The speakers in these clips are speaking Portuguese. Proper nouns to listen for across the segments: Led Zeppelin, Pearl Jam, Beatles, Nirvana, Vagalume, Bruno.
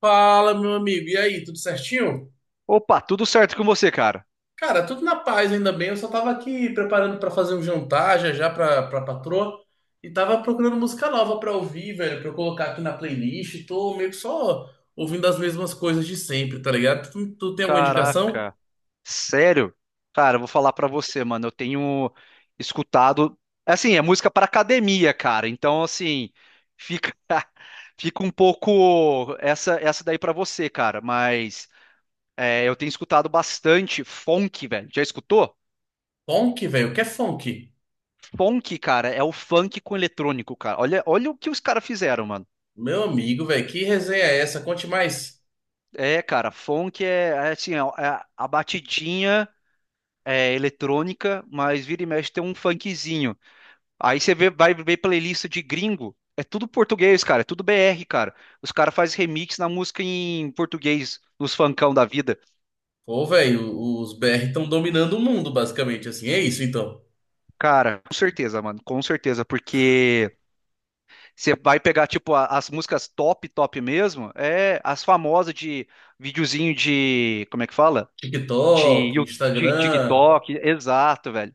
Fala, meu amigo. E aí, tudo certinho? Opa, tudo certo com você, cara? Cara, tudo na paz, ainda bem. Eu só tava aqui preparando pra fazer um jantar já já pra patroa e tava procurando música nova pra ouvir, velho, pra eu colocar aqui na playlist. Tô meio que só ouvindo as mesmas coisas de sempre, tá ligado? Tu tem alguma indicação? Caraca, sério? Cara, eu vou falar pra você, mano. Eu tenho escutado, assim, é música pra academia, cara. Então, assim, fica fica um pouco essa daí pra você, cara, mas é, eu tenho escutado bastante funk, velho. Já escutou? Funk, velho. O que é funk? Funk, cara, é o funk com eletrônico, cara. Olha, olha o que os caras fizeram, mano. Meu amigo, velho, que resenha é essa? Conte mais. É, cara, funk é assim, é a batidinha é, eletrônica, mas vira e mexe tem um funkzinho. Aí você vê, vai ver playlist de gringo, é tudo português, cara, é tudo BR, cara. Os caras fazem remix na música em português, nos funkão da vida. Pô, velho, os BR estão dominando o mundo, basicamente, assim. É isso, então. Cara, com certeza, mano, com certeza, porque você vai pegar, tipo, as músicas top, top mesmo, é as famosas de videozinho de, como é que fala? De, TikTok, Yu- de Instagram. TikTok, exato, velho.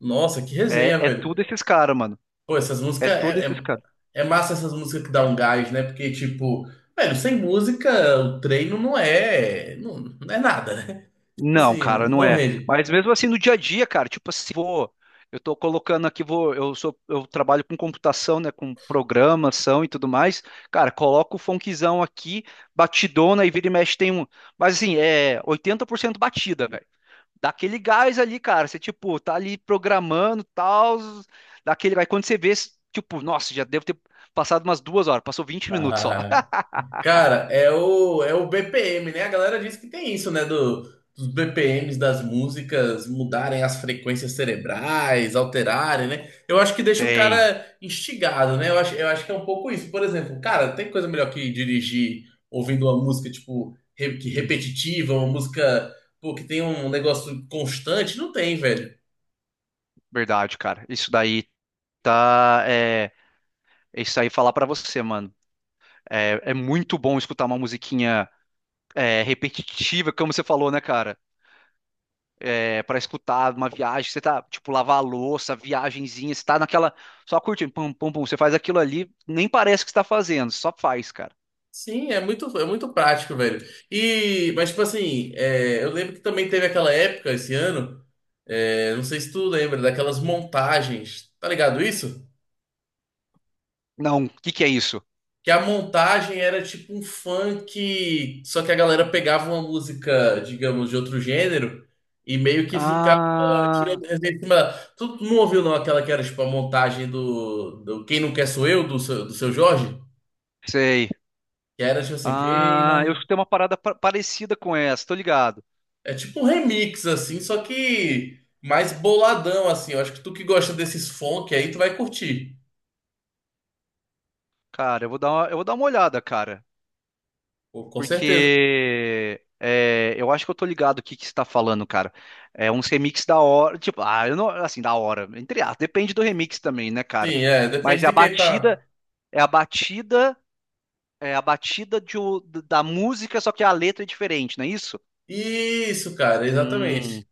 Nossa, que resenha, É velho. tudo esses caras, mano. Pô, essas É tudo esses caras. é massa essas músicas que dá um gás, né? Porque, tipo, velho, sem música o treino não é. Não, não é nada, né? Não, Assim, cara, não não é. rende. Mas mesmo assim no dia a dia, cara, tipo assim, eu tô colocando aqui, eu trabalho com computação, né, com programação e tudo mais. Cara, coloco o funkzão aqui, batidona e vira e mexe tem um, mas assim, é 80% batida, velho. Dá aquele gás ali, cara, você tipo, tá ali programando, tal, dá aquele, vai quando você vê, tipo, nossa, já devo ter passado umas 2 horas, passou 20 minutos só. Ah, cara, é o BPM, né? A galera diz que tem isso, né? Dos BPMs das músicas mudarem as frequências cerebrais, alterarem, né? Eu acho que deixa o Tem. cara instigado, né? Eu acho que é um pouco isso. Por exemplo, cara, tem coisa melhor que dirigir ouvindo uma música, tipo, que Hum. repetitiva, uma música, pô, que tem um negócio constante? Não tem, velho. Verdade, cara. Isso daí tá. É isso aí falar pra você, mano. É muito bom escutar uma musiquinha repetitiva, como você falou, né, cara? É, para escutar uma viagem, você tá, tipo, lavar a louça, viagenzinha, você tá naquela. Só curtindo, pum, pum, pum. Você faz aquilo ali, nem parece que você tá fazendo, só faz, cara. Sim, é muito prático, velho. E, mas, tipo assim, é, eu lembro que também teve aquela época, esse ano. É, não sei se tu lembra daquelas montagens, tá ligado isso? Não, o que que é isso? Que a montagem era tipo um funk, só que a galera pegava uma música, digamos, de outro gênero e meio que ficava Ah, tirando resenha em cima dela. Tu não ouviu não aquela que era tipo a montagem do Quem Não Quer Sou Eu, do seu Jorge? sei. Que era tipo assim, quem Ah, eu não. escutei uma parada parecida com essa, tô ligado. É tipo um remix, assim, só que mais boladão, assim. Eu acho que tu que gosta desses funk aí, tu vai curtir. Cara, eu vou dar uma olhada, cara. Pô, com certeza. Porque eu acho que eu tô ligado o que que você tá falando, cara. É uns remix da hora, tipo, ah, eu não, assim, da hora, entre aspas, depende do remix também, né, cara? Sim, é, Mas depende é de a quem batida, tá. é a batida, é a batida da música, só que a letra é diferente, não é isso? Isso, cara, Hum. exatamente.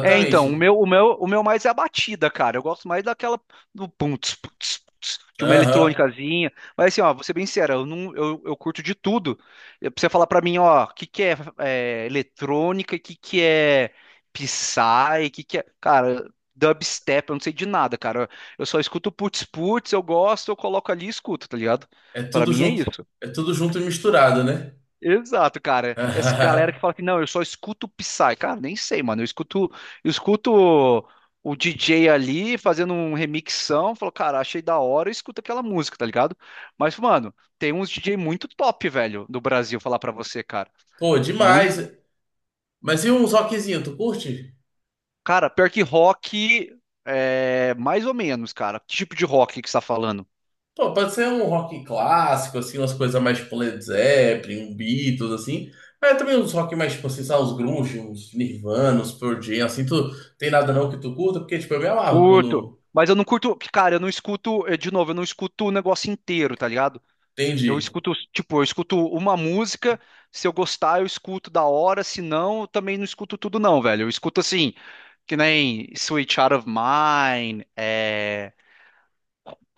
É, então, o meu, o meu, o meu mais é a batida, cara. Eu gosto mais daquela do pum, tss, tss, de uma Aham. eletrônicazinha. Mas assim, ó, vou ser bem sincero, eu não, eu curto de tudo. Pra você falar pra mim, ó, o que que é, eletrônica, o que que é Psy, o que que é, cara, dubstep, eu não sei de nada, cara. Eu só escuto putz putz, eu gosto, eu coloco ali e escuto, tá ligado? É Pra tudo mim é junto, isso. é tudo junto e misturado, né? Exato, cara. Essa galera que fala que não, eu só escuto Psy. Cara, nem sei, mano. Eu escuto o DJ ali fazendo um remixão. Falo, cara, achei da hora, eu escuto aquela música, tá ligado? Mas, mano, tem uns DJ muito top, velho, do Brasil, falar pra você, cara. Pô, Muito. demais. Mas e uns rockzinho, tu curte? Cara, pior que rock, é mais ou menos, cara. Que tipo de rock que você tá falando? Pô, pode ser um rock clássico, assim, umas coisas mais tipo Led Zeppelin, um Beatles, assim. Mas também uns rock mais, tipo, assim, sabe, uns grunge, uns Nirvana, uns Pearl Jam, assim, tu tem nada não que tu curta? Porque, tipo, eu me amarro Curto. quando, Mas eu não curto, cara, eu não escuto, de novo, eu não escuto o negócio inteiro, tá ligado? Eu entende? escuto, tipo, eu escuto uma música, se eu gostar, eu escuto da hora, se não, eu também não escuto tudo não, velho. Eu escuto assim, que nem Sweet Child of Mine, é,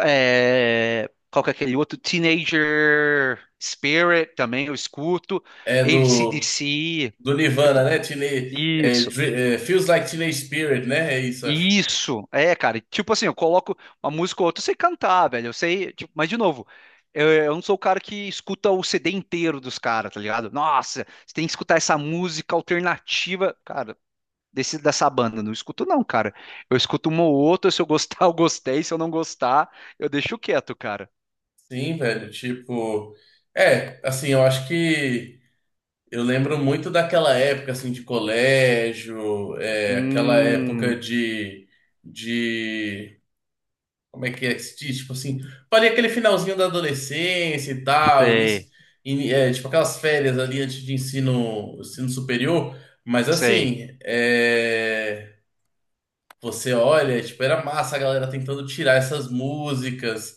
é, qual que é aquele outro? Teenager Spirit também eu escuto, É do... AC/DC, Do é Nirvana, né? tudo- Teenage, é, isso. É, Feels Like Teenage Spirit, né? É isso, acho. Isso, cara. E, tipo assim, eu coloco uma música ou outra, eu sei cantar, velho. Eu sei, tipo, mas de novo, eu não sou o cara que escuta o CD inteiro dos caras, tá ligado? Nossa, você tem que escutar essa música alternativa, cara, dessa banda. Eu não escuto, não, cara. Eu escuto uma ou outra, se eu gostar, eu gostei. Se eu não gostar, eu deixo quieto, cara. Sim, velho. Tipo. É, assim, eu acho que. Eu lembro muito daquela época, assim, de colégio, é, aquela época Hum, de. De. Como é que se diz? Tipo assim. Parecia aquele finalzinho da adolescência e tal, início. Sei. É, tipo aquelas férias ali antes de ensino superior. Mas Sei. assim. É. Você olha, é, tipo, era massa a galera tentando tirar essas músicas,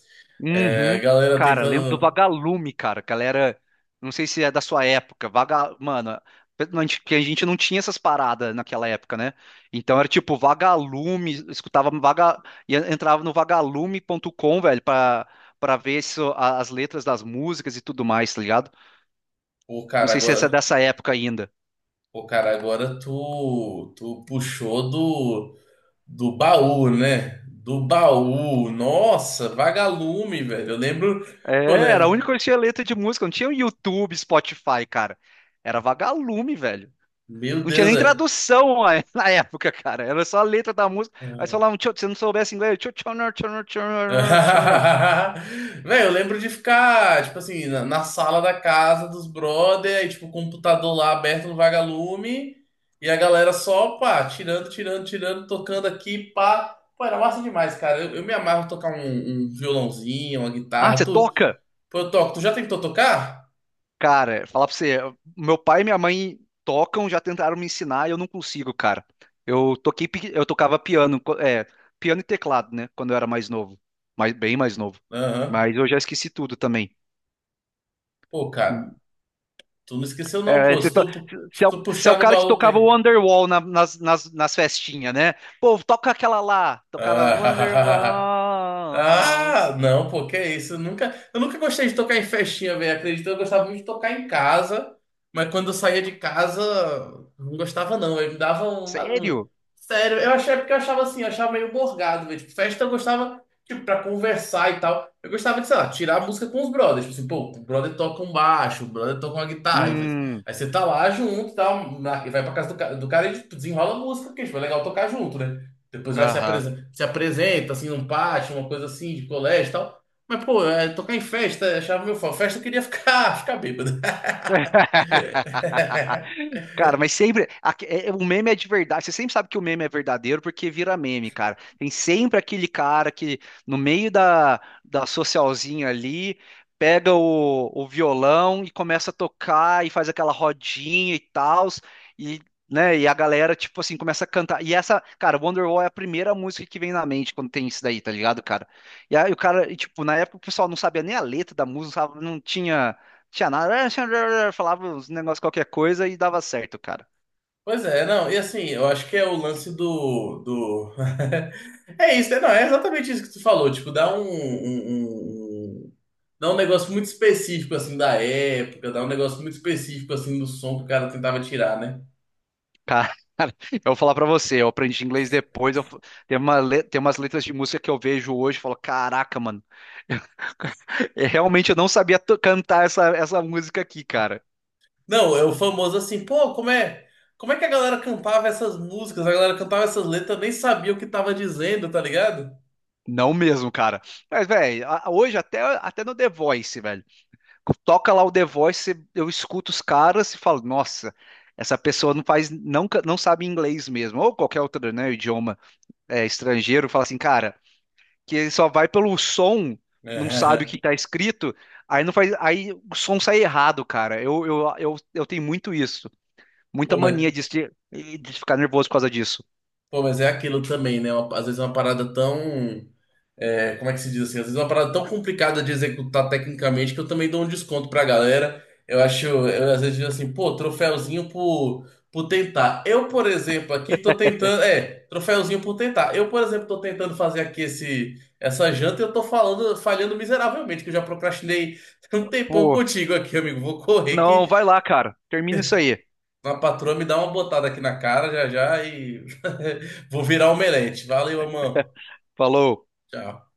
é, a Uhum. galera Cara, lembro do tentando. Vagalume, cara, que ela era, não sei se é da sua época, Vaga, mano, a gente- que a gente não tinha essas paradas naquela época, né? Então era tipo Vagalume, escutava Vaga e entrava no vagalume.com, velho, pra para ver se as letras das músicas e tudo mais, tá ligado? Pô, Não cara, sei se essa é agora. dessa época ainda. Pô, cara, agora tu, tu puxou do baú, né? Do baú. Nossa, vagalume, velho. Eu lembro. É, Pô, era a né? única que tinha letra de música, não tinha o YouTube, Spotify, cara. Era Vagalume, velho. Meu Não tinha Deus, nem velho. tradução na época, cara. Era só a letra da música. Aí você falava, "Tchau", se não soubesse inglês, "Tchau, tchau, tchau, tchau, tchau, tchau, tchau". Velho, eu lembro de ficar, tipo assim, na sala da casa dos brother, aí, tipo, o computador lá aberto no vagalume, e a galera só, pá, tirando, tirando, tirando, tocando aqui, pá. Pô, era massa demais, cara. Eu me amarro em tocar um violãozinho, uma Ah, guitarra, você tu... toca? Pô, eu toco. Tu já tentou tocar? Cara, falar pra você, meu pai e minha mãe tocam, já tentaram me ensinar e eu não consigo, cara. Eu toquei, eu tocava piano, piano e teclado, né? Quando eu era mais novo, mais, bem mais novo. Aham. Mas eu já esqueci tudo também. Pô, cara, tu não esqueceu não, É, pô. Se tu, se se é o, tu se é o puxar no cara que baú, tocava o tem. Wonderwall nas festinhas, né? Pô, toca aquela lá. Tocava Wonderwall. Ah, não, pô, que é isso? Eu nunca gostei de tocar em festinha, velho. Acredito, eu gostava muito de tocar em casa, mas quando eu saía de casa, não gostava, não. Eu me dava uma. Sério? Sério, eu achei é porque eu achava assim, eu achava meio borgado, velho. Tipo, festa eu gostava, tipo, pra conversar e tal. Eu gostava de, sei lá, tirar a música com os brothers. Tipo assim, pô, o brother toca um baixo, o brother toca uma guitarra. Hum, Aí você tá lá junto e tal, e vai pra casa do, do cara e tipo, desenrola a música, porque tipo, é legal tocar junto, né? Depois vai se aham. apresenta, se apresenta assim num pátio, uma coisa assim, de colégio e tal. Mas, pô, é, tocar em festa, achava meu foco. Festa eu queria ficar, ficar bêbado. Cara, mas sempre. O meme é de verdade. Você sempre sabe que o meme é verdadeiro porque vira meme, cara. Tem sempre aquele cara que, no meio da socialzinha ali, pega o violão e começa a tocar e faz aquela rodinha e tal. E, né, a galera, tipo assim, começa a cantar. E essa, cara, Wonderwall é a primeira música que vem na mente quando tem isso daí, tá ligado, cara? E aí o cara, e, tipo, na época o pessoal não sabia nem a letra da música, não, não tinha. Tinha nada, falava uns negócios qualquer coisa e dava certo, cara. Pois é, não, e assim, eu acho que é o lance do... É isso, é, não, é exatamente isso que tu falou, tipo, dá um, dá um negócio muito específico, assim, da época, dá um negócio muito específico, assim, do som que o cara tentava tirar, né? Cara, eu vou falar pra você, eu aprendi inglês depois, tem umas letras de música que eu vejo hoje e falo, caraca, mano, realmente eu não sabia cantar essa música aqui, cara. Não, é o famoso assim, pô, como é que a galera cantava essas músicas? A galera cantava essas letras, nem sabia o que tava dizendo, tá ligado? Não mesmo, cara. Mas, velho, hoje até no The Voice, velho. Toca lá o The Voice, eu escuto os caras e falo, nossa, essa pessoa não faz, não, não sabe inglês mesmo, ou qualquer outro, né, idioma estrangeiro, fala assim, cara. Que ele só vai pelo som, não sabe o É. que tá escrito, aí não faz, aí o som sai errado, cara. Eu tenho muito isso, muita Pô, mas, mania de, se- de ficar nervoso por causa disso. pô, mas é aquilo também, né? Às vezes é uma parada tão é, como é que se diz assim? Às vezes é uma parada tão complicada de executar tecnicamente que eu também dou um desconto pra galera. Eu acho, eu às vezes digo assim, pô, troféuzinho por tentar. Eu, por exemplo, aqui tô tentando. É, troféuzinho por tentar. Eu, por exemplo, tô tentando fazer aqui essa janta e eu tô falhando miseravelmente, que eu já procrastinei um tempão Pô, contigo aqui, amigo. Vou correr não, que vai lá, cara. Termina isso aí. a patroa me dá uma botada aqui na cara já já e vou virar omelete. Valeu, irmão. Falou. Tchau.